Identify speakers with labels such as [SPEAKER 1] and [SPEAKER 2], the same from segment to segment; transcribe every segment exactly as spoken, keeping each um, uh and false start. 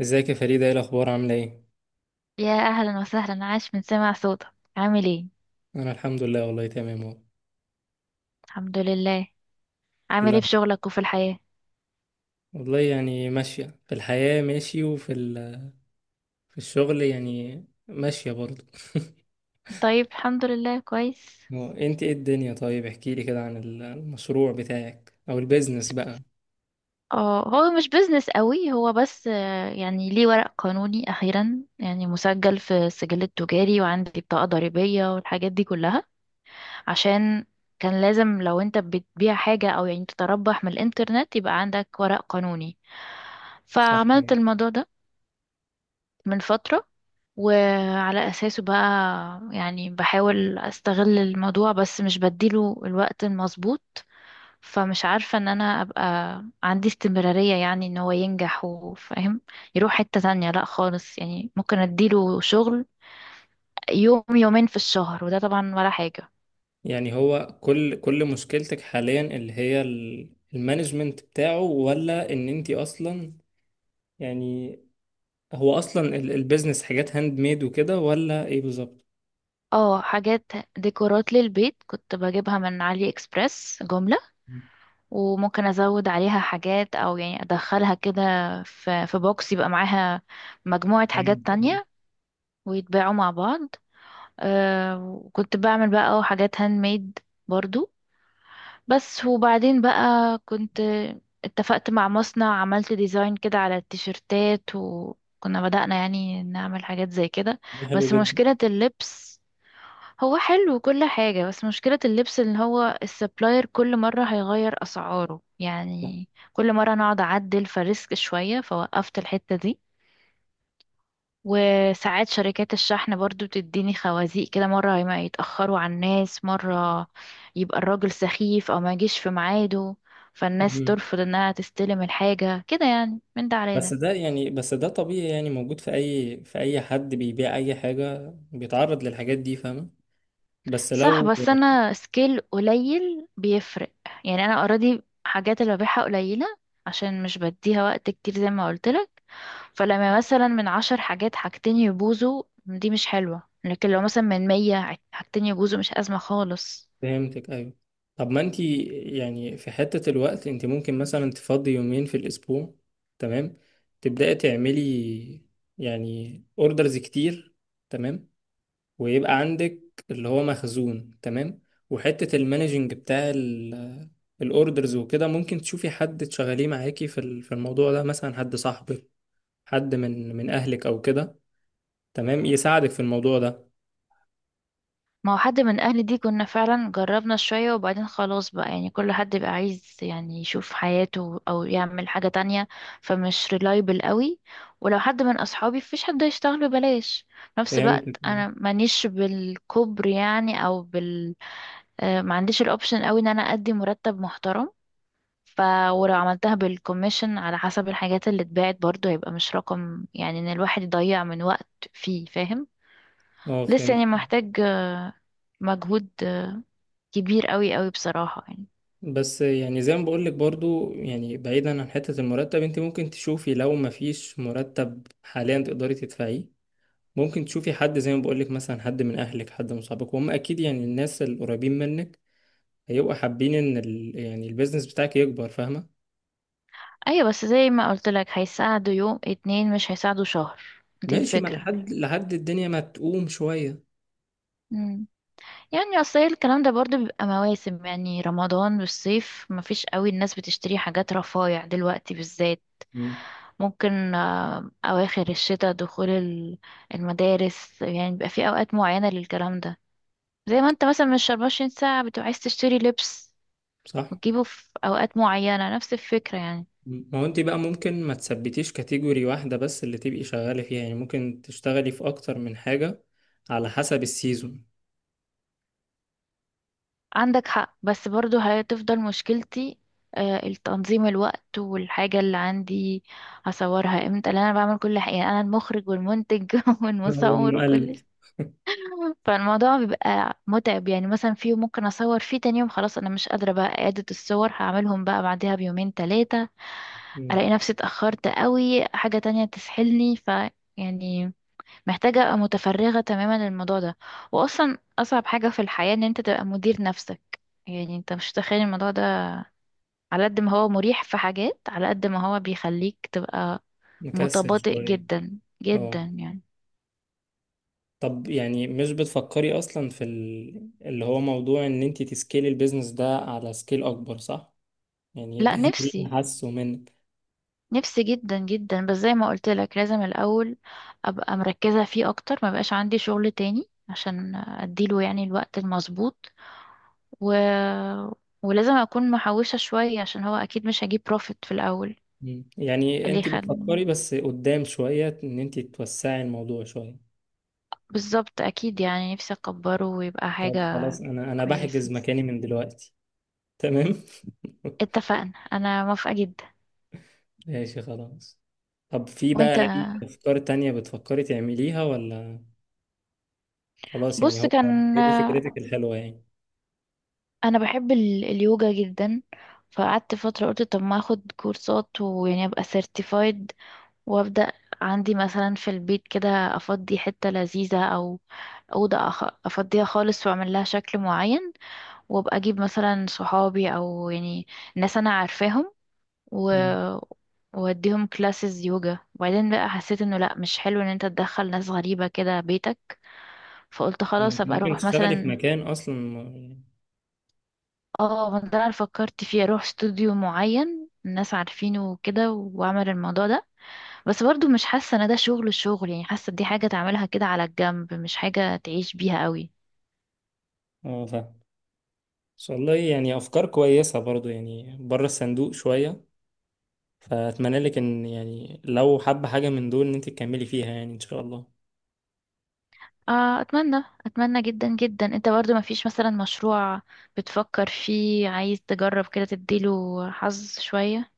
[SPEAKER 1] ازيك يا فريدة؟ ايه الاخبار؟ عاملة ايه؟
[SPEAKER 2] يا اهلا وسهلا، عاش من سمع صوتك. عامل ايه؟
[SPEAKER 1] انا الحمد لله، والله تمام اهو.
[SPEAKER 2] الحمد لله. عامل
[SPEAKER 1] لا،
[SPEAKER 2] ايه في شغلك وفي الحياة؟
[SPEAKER 1] والله يعني ماشية في الحياة ماشي، وفي ال... في الشغل يعني ماشية برضه.
[SPEAKER 2] طيب، الحمد لله، كويس.
[SPEAKER 1] هو انت ايه الدنيا؟ طيب احكي لي كده عن ال- المشروع بتاعك او البيزنس بقى.
[SPEAKER 2] اه، هو مش بيزنس قوي، هو بس آه، يعني ليه ورق قانوني اخيرا، يعني مسجل في السجل التجاري وعندي بطاقة ضريبية والحاجات دي كلها. عشان كان لازم، لو انت بتبيع حاجة او يعني تتربح من الانترنت، يبقى عندك ورق قانوني.
[SPEAKER 1] صح.
[SPEAKER 2] فعملت الموضوع ده من فترة. وعلى أساسه بقى، يعني بحاول أستغل الموضوع بس مش بديله الوقت المظبوط. فمش عارفة ان انا ابقى عندي استمرارية، يعني ان هو ينجح وفاهم يروح حتة تانية، لا خالص، يعني ممكن اديله شغل يوم يومين في الشهر وده طبعا ولا حاجة.
[SPEAKER 1] يعني هو كل كل مشكلتك حاليا اللي هي ال- المانجمنت بتاعه، ولا ان انت اصلا يعني هو اصلا ال- البيزنس حاجات هاند ميد وكده، ولا ايه بالظبط؟
[SPEAKER 2] اه، حاجات ديكورات للبيت كنت بجيبها من علي اكسبريس جملة. وممكن ازود عليها حاجات او يعني ادخلها كده في في بوكس يبقى معاها مجموعة حاجات
[SPEAKER 1] مم.
[SPEAKER 2] تانية ويتباعوا مع بعض. آه وكنت بعمل بقى حاجات هاند ميد برضو. بس وبعدين بقى كنت اتفقت مع مصنع، عملت ديزاين كده على التيشيرتات وكنا بدأنا يعني نعمل حاجات زي كده.
[SPEAKER 1] ده حلو
[SPEAKER 2] بس
[SPEAKER 1] جدا.
[SPEAKER 2] مشكلة اللبس، هو حلو وكل حاجة، بس مشكلة اللبس اللي هو السبلاير كل مرة هيغير أسعاره يعني. كل مرة نقعد أعدل فريسك شوية، فوقفت الحتة دي. وساعات شركات الشحن برضو بتديني خوازيق كده، مرة ما يتأخروا على الناس، مرة يبقى الراجل سخيف أو ما يجيش في ميعاده.
[SPEAKER 1] صح.
[SPEAKER 2] فالناس ترفض انها تستلم الحاجة، كده يعني، من ده على
[SPEAKER 1] بس
[SPEAKER 2] ده.
[SPEAKER 1] ده يعني بس ده طبيعي، يعني موجود في اي في اي حد بيبيع اي حاجة بيتعرض للحاجات دي، فاهمة؟ بس
[SPEAKER 2] صح،
[SPEAKER 1] لو...
[SPEAKER 2] بس انا سكيل قليل بيفرق، يعني انا اوريدي حاجات اللي ببيعها قليلة عشان مش بديها وقت كتير زي ما قلت لك. فلما مثلا من عشر حاجات، حاجتين يبوظوا دي مش حلوة، لكن لو مثلا من مية، حاجتين يبوظوا مش أزمة خالص.
[SPEAKER 1] فهمتك، ايوه. طب ما انت يعني في حتة الوقت، انت ممكن مثلا تفضي يومين في الاسبوع، تمام، تبدأي تعملي يعني اوردرز كتير، تمام، ويبقى عندك اللي هو مخزون، تمام. وحتة المانجنج بتاع الاوردرز وكده ممكن تشوفي حد تشغليه معاكي في ال- في الموضوع ده، مثلا حد صاحبك، حد من من اهلك او كده، تمام، يساعدك في الموضوع ده.
[SPEAKER 2] ما هو حد من اهلي دي كنا فعلا جربنا شوية، وبعدين خلاص بقى، يعني كل حد بقى عايز يعني يشوف حياته او يعمل حاجة تانية، فمش ريلايبل قوي. ولو حد من اصحابي فيش حد هيشتغل ببلاش. في نفس
[SPEAKER 1] فهمت.
[SPEAKER 2] الوقت انا مانيش بالكبر يعني او بال آه، ما عنديش الاوبشن قوي ان انا ادي مرتب محترم. ف ولو عملتها بالكوميشن على حسب الحاجات اللي اتباعت برضه هيبقى مش رقم، يعني ان الواحد يضيع من وقت فيه فاهم.
[SPEAKER 1] اه
[SPEAKER 2] لسه
[SPEAKER 1] فهمت.
[SPEAKER 2] يعني محتاج آه، مجهود آه، كبير قوي قوي بصراحة يعني.
[SPEAKER 1] بس يعني زي ما بقول لك برضو، يعني بعيدا عن حتة المرتب، انت ممكن تشوفي لو ما فيش مرتب حاليا تقدري تدفعيه، ممكن تشوفي حد زي ما بقول لك، مثلا حد من اهلك، حد من صحابك، وهم اكيد يعني الناس القريبين منك هيبقوا حابين ان ال... يعني البيزنس بتاعك يكبر، فاهمة؟
[SPEAKER 2] ايوه، بس زي ما قلت لك هيساعدوا يوم اتنين مش هيساعدوا شهر. دي
[SPEAKER 1] ماشي. ما
[SPEAKER 2] الفكرة.
[SPEAKER 1] لحد لحد الدنيا ما تقوم شوية.
[SPEAKER 2] مم. يعني اصل هي الكلام ده برضو بيبقى مواسم، يعني رمضان والصيف مفيش قوي، الناس بتشتري حاجات رفايع دلوقتي بالذات.
[SPEAKER 1] مم.
[SPEAKER 2] ممكن آه، اواخر الشتاء، دخول ال- المدارس، يعني بيبقى في اوقات معينة للكلام ده. زي ما انت مثلا مش 24 ساعة بتبقى عايز تشتري لبس
[SPEAKER 1] صح.
[SPEAKER 2] وتجيبه في اوقات معينة، نفس الفكرة يعني.
[SPEAKER 1] ما هو انت بقى ممكن ما تثبتيش كاتيجوري واحدة بس اللي تبقي شغالة فيها، يعني ممكن تشتغلي في أكتر من حاجة على حسب السيزون.
[SPEAKER 2] عندك حق، بس برضو هتفضل مشكلتي آه، التنظيم، الوقت والحاجة اللي عندي هصورها امتى، لان انا بعمل كل حاجة، يعني انا المخرج والمنتج
[SPEAKER 1] أو
[SPEAKER 2] والمصور وكل
[SPEAKER 1] المقلد.
[SPEAKER 2] شيء. فالموضوع بيبقى متعب، يعني مثلا في يوم ممكن اصور فيه، تاني يوم خلاص انا مش قادرة بقى، اعادة الصور هعملهم بقى بعدها بيومين تلاتة.
[SPEAKER 1] مم.
[SPEAKER 2] الاقي نفسي اتأخرت قوي، حاجة تانية تسحلني. ف يعني محتاجة أبقى متفرغة تماما للموضوع ده. وأصلا أصعب حاجة في الحياة إن أنت تبقى مدير نفسك، يعني أنت مش متخيل الموضوع ده. على قد ما هو مريح في حاجات، على قد ما هو بيخليك تبقى
[SPEAKER 1] مكسل
[SPEAKER 2] متباطئ
[SPEAKER 1] شوية.
[SPEAKER 2] جدا جدا
[SPEAKER 1] اه.
[SPEAKER 2] يعني.
[SPEAKER 1] طب يعني مش بتفكري أصلا في ال... اللي هو موضوع إن انت تسكيلي البيزنس ده على سكيل أكبر، صح؟ يعني ده
[SPEAKER 2] لا،
[SPEAKER 1] ده اللي
[SPEAKER 2] نفسي،
[SPEAKER 1] حاسه منك.
[SPEAKER 2] نفسي جدا جدا، بس زي ما قلت لك لازم الأول أبقى مركزة فيه أكتر، ما بقاش عندي شغل تاني عشان أديله يعني الوقت المظبوط و... ولازم أكون محوشة شوية، عشان هو أكيد مش هجيب بروفيت في الأول.
[SPEAKER 1] مم. يعني
[SPEAKER 2] اللي
[SPEAKER 1] انت
[SPEAKER 2] يخلي،
[SPEAKER 1] بتفكري بس قدام شوية إن انت توسعي الموضوع شوية.
[SPEAKER 2] بالظبط اكيد، يعني نفسي اكبره ويبقى حاجة
[SPEAKER 1] طب خلاص، أنا أنا بحجز
[SPEAKER 2] كويسة.
[SPEAKER 1] مكاني من دلوقتي. تمام؟
[SPEAKER 2] اتفقنا، انا موافقة جدا.
[SPEAKER 1] ماشي خلاص. طب في
[SPEAKER 2] وانت،
[SPEAKER 1] بقى أي أفكار تانية بتفكري تعمليها ولا خلاص؟ يعني
[SPEAKER 2] بص،
[SPEAKER 1] هو
[SPEAKER 2] كان
[SPEAKER 1] هي دي فكرتك الحلوة يعني.
[SPEAKER 2] انا بحب ال- اليوجا جدا. فقعدت فترة قلت طب ما اخد كورسات ويعني ابقى سيرتيفايد، وابدأ عندي مثلا في البيت كده، افضي حتة لذيذة او أوضة أخ- أفضيها خالص، وأعمل لها شكل معين. وأبقى أجيب مثلا صحابي أو يعني ناس أنا عارفاهم، و...
[SPEAKER 1] مم.
[SPEAKER 2] واديهم كلاسز يوجا. وبعدين بقى حسيت انه لا، مش حلو ان انت تدخل ناس غريبة كده بيتك. فقلت
[SPEAKER 1] طب ما
[SPEAKER 2] خلاص
[SPEAKER 1] أنت
[SPEAKER 2] ابقى
[SPEAKER 1] ممكن
[SPEAKER 2] اروح
[SPEAKER 1] تشتغلي في
[SPEAKER 2] مثلا.
[SPEAKER 1] مكان أصلا ما-
[SPEAKER 2] اه، ما ده انا فكرت فيه، اروح استوديو معين الناس عارفينه وكده واعمل الموضوع ده. بس برضو مش حاسة ان ده شغل الشغل، يعني حاسة دي حاجة تعملها كده على الجنب، مش حاجة تعيش بيها قوي.
[SPEAKER 1] اه فاهم. إن شاء الله، يعني أفكار كويسة برضو يعني بره الصندوق شوية. فأتمنى لك إن يعني لو حابة حاجة من دول إن أنت تكملي فيها يعني إن شاء الله.
[SPEAKER 2] آه اتمنى، اتمنى جدا جدا. انت برضو ما فيش مثلا مشروع بتفكر فيه عايز تجرب كده تديله حظ شوية؟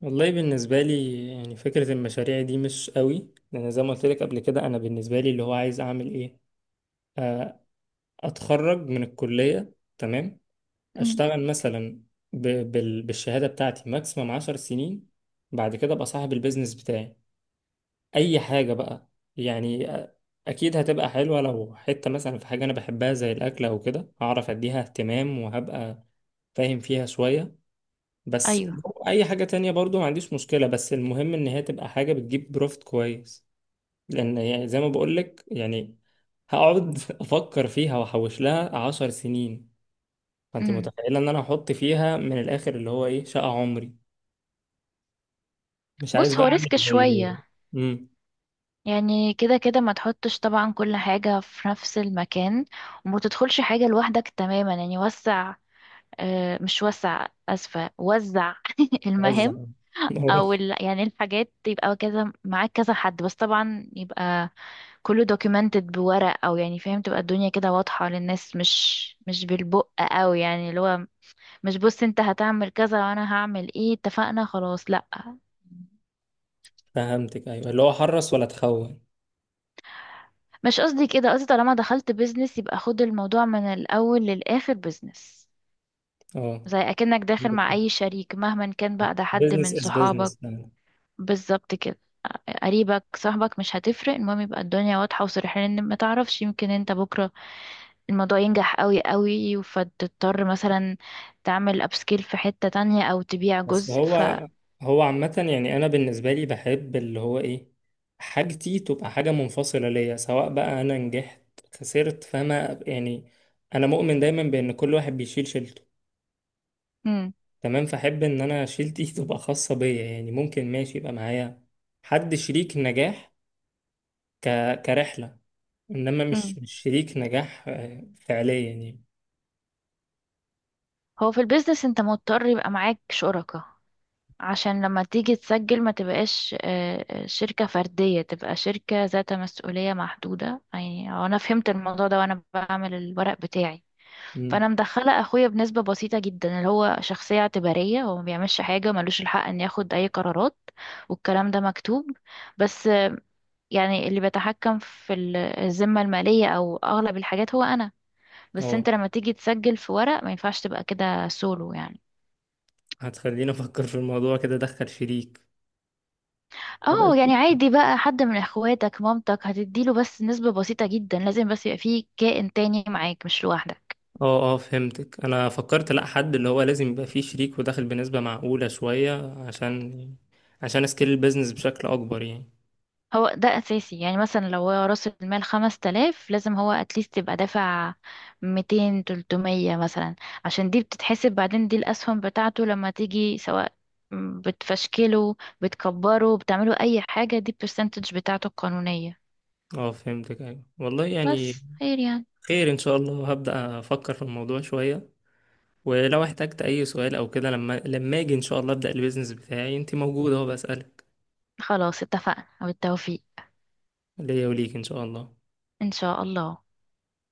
[SPEAKER 1] والله بالنسبة لي يعني فكرة المشاريع دي مش قوي، لأن زي ما قلت لك قبل كده أنا بالنسبة لي اللي هو عايز أعمل إيه، آه، أتخرج من الكلية، تمام،
[SPEAKER 2] مم.
[SPEAKER 1] اشتغل مثلا ب... بال... بالشهاده بتاعتي ماكسيمم 10 سنين، بعد كده ابقى صاحب البيزنس بتاعي، اي حاجه بقى. يعني أ- اكيد هتبقى حلوه، لو حته مثلا في حاجه انا بحبها زي الاكل او كده، هعرف اديها اهتمام وهبقى فاهم فيها شويه. بس
[SPEAKER 2] ايوه،
[SPEAKER 1] لو اي حاجه تانية برضو ما عنديش مشكله، بس المهم ان هي تبقى حاجه بتجيب بروفت كويس. لان يعني زي ما بقولك يعني هقعد افكر فيها واحوش لها عشر سنين. فانت متخيله ان انا احط فيها من الاخر اللي هو ايه شقه عمري. مش عايز
[SPEAKER 2] بص،
[SPEAKER 1] بقى
[SPEAKER 2] هو
[SPEAKER 1] اعمل
[SPEAKER 2] ريسك
[SPEAKER 1] زي
[SPEAKER 2] شوية
[SPEAKER 1] امم
[SPEAKER 2] يعني، كده كده ما تحطش طبعا كل حاجة في نفس المكان. وما تدخلش حاجة لوحدك تماما، يعني وسع، آه، مش وسع، أسفة، وزع
[SPEAKER 1] وزع
[SPEAKER 2] المهام. او ال... يعني الحاجات يبقى كذا معاك كذا حد، بس طبعا يبقى كله documented بورق او يعني فاهم، تبقى الدنيا كده واضحة للناس، مش مش بالبق قوي، يعني اللي هو مش بص انت هتعمل كذا وانا هعمل ايه اتفقنا خلاص لا.
[SPEAKER 1] فهمتك، ايوه، اللي هو حرص ولا تخون.
[SPEAKER 2] مش قصدي كده، قصدي طالما دخلت بيزنس يبقى خد الموضوع من الأول للآخر بيزنس.
[SPEAKER 1] اه
[SPEAKER 2] زي أكنك داخل
[SPEAKER 1] عندك
[SPEAKER 2] مع أي شريك مهما كان بقى،
[SPEAKER 1] حق،
[SPEAKER 2] ده حد
[SPEAKER 1] بزنس
[SPEAKER 2] من
[SPEAKER 1] از
[SPEAKER 2] صحابك.
[SPEAKER 1] بزنس.
[SPEAKER 2] بالظبط كده، قريبك، صاحبك، مش هتفرق، المهم يبقى الدنيا واضحة وصريحة، لأن ما تعرفش، يمكن انت بكرة الموضوع ينجح قوي قوي فتضطر مثلا تعمل أبسكيل في حتة تانية أو تبيع
[SPEAKER 1] بس
[SPEAKER 2] جزء. ف
[SPEAKER 1] هو هو عامه، يعني انا بالنسبه لي بحب اللي هو ايه، حاجتي تبقى حاجه منفصله ليا، سواء بقى انا نجحت خسرت، فما يعني انا مؤمن دايما بان كل واحد بيشيل شيلته.
[SPEAKER 2] مم.
[SPEAKER 1] تمام. فأحب إن أنا شيلتي تبقى خاصة بيا، يعني ممكن ماشي يبقى معايا حد شريك نجاح، ك... كرحلة، إنما مش
[SPEAKER 2] مم.
[SPEAKER 1] مش شريك نجاح آه، فعليا يعني.
[SPEAKER 2] هو في البيزنس انت مضطر يبقى معاك شركاء. عشان لما تيجي تسجل ما تبقاش آه، آه، شركة فردية، تبقى شركة ذات مسؤولية محدودة، يعني هو أنا فهمت الموضوع ده وأنا بعمل الورق بتاعي.
[SPEAKER 1] مم.
[SPEAKER 2] فأنا مدخلة أخويا بنسبة بسيطة جدا، اللي هو شخصية اعتبارية، هو ما بيعملش حاجة، ملوش الحق إن ياخد أي قرارات، والكلام ده مكتوب. بس آه، يعني اللي بيتحكم في ال- الذمة المالية أو أغلب الحاجات هو أنا. بس
[SPEAKER 1] اه
[SPEAKER 2] أنت لما تيجي تسجل في ورق ما ينفعش تبقى كده سولو يعني.
[SPEAKER 1] هتخليني أفكر في الموضوع كده أدخل شريك، ابقى
[SPEAKER 2] اه،
[SPEAKER 1] شريك.
[SPEAKER 2] يعني عادي بقى، حد من اخواتك، مامتك، هتديله بس نسبة بسيطة جدا، لازم بس يبقى فيه كائن تاني معاك مش لوحدك.
[SPEAKER 1] اه اه فهمتك، أنا فكرت لأ حد اللي هو لازم يبقى فيه شريك وداخل بنسبة معقولة شوية عشان عشان أسكيل البيزنس بشكل أكبر يعني.
[SPEAKER 2] هو ده اساسي، يعني مثلا لو هو راس المال خمس تلاف، لازم هو اتليست يبقى دافع ميتين تلتمية مثلا، عشان دي بتتحسب بعدين، دي الاسهم بتاعته لما تيجي سواء بتفشكله بتكبره بتعمله اي حاجة، دي البرسنتج بتاعته القانونية.
[SPEAKER 1] اه فهمتك أيوة والله يعني.
[SPEAKER 2] بس خير يعني.
[SPEAKER 1] خير إن شاء الله، هبدأ أفكر في الموضوع شوية. ولو احتجت اي سؤال او كده، لما لما اجي ان شاء الله ابدا البيزنس بتاعي انت موجوده اهو بسالك.
[SPEAKER 2] خلاص اتفقنا وبالتوفيق
[SPEAKER 1] ليا وليك ان شاء الله
[SPEAKER 2] ان شاء الله.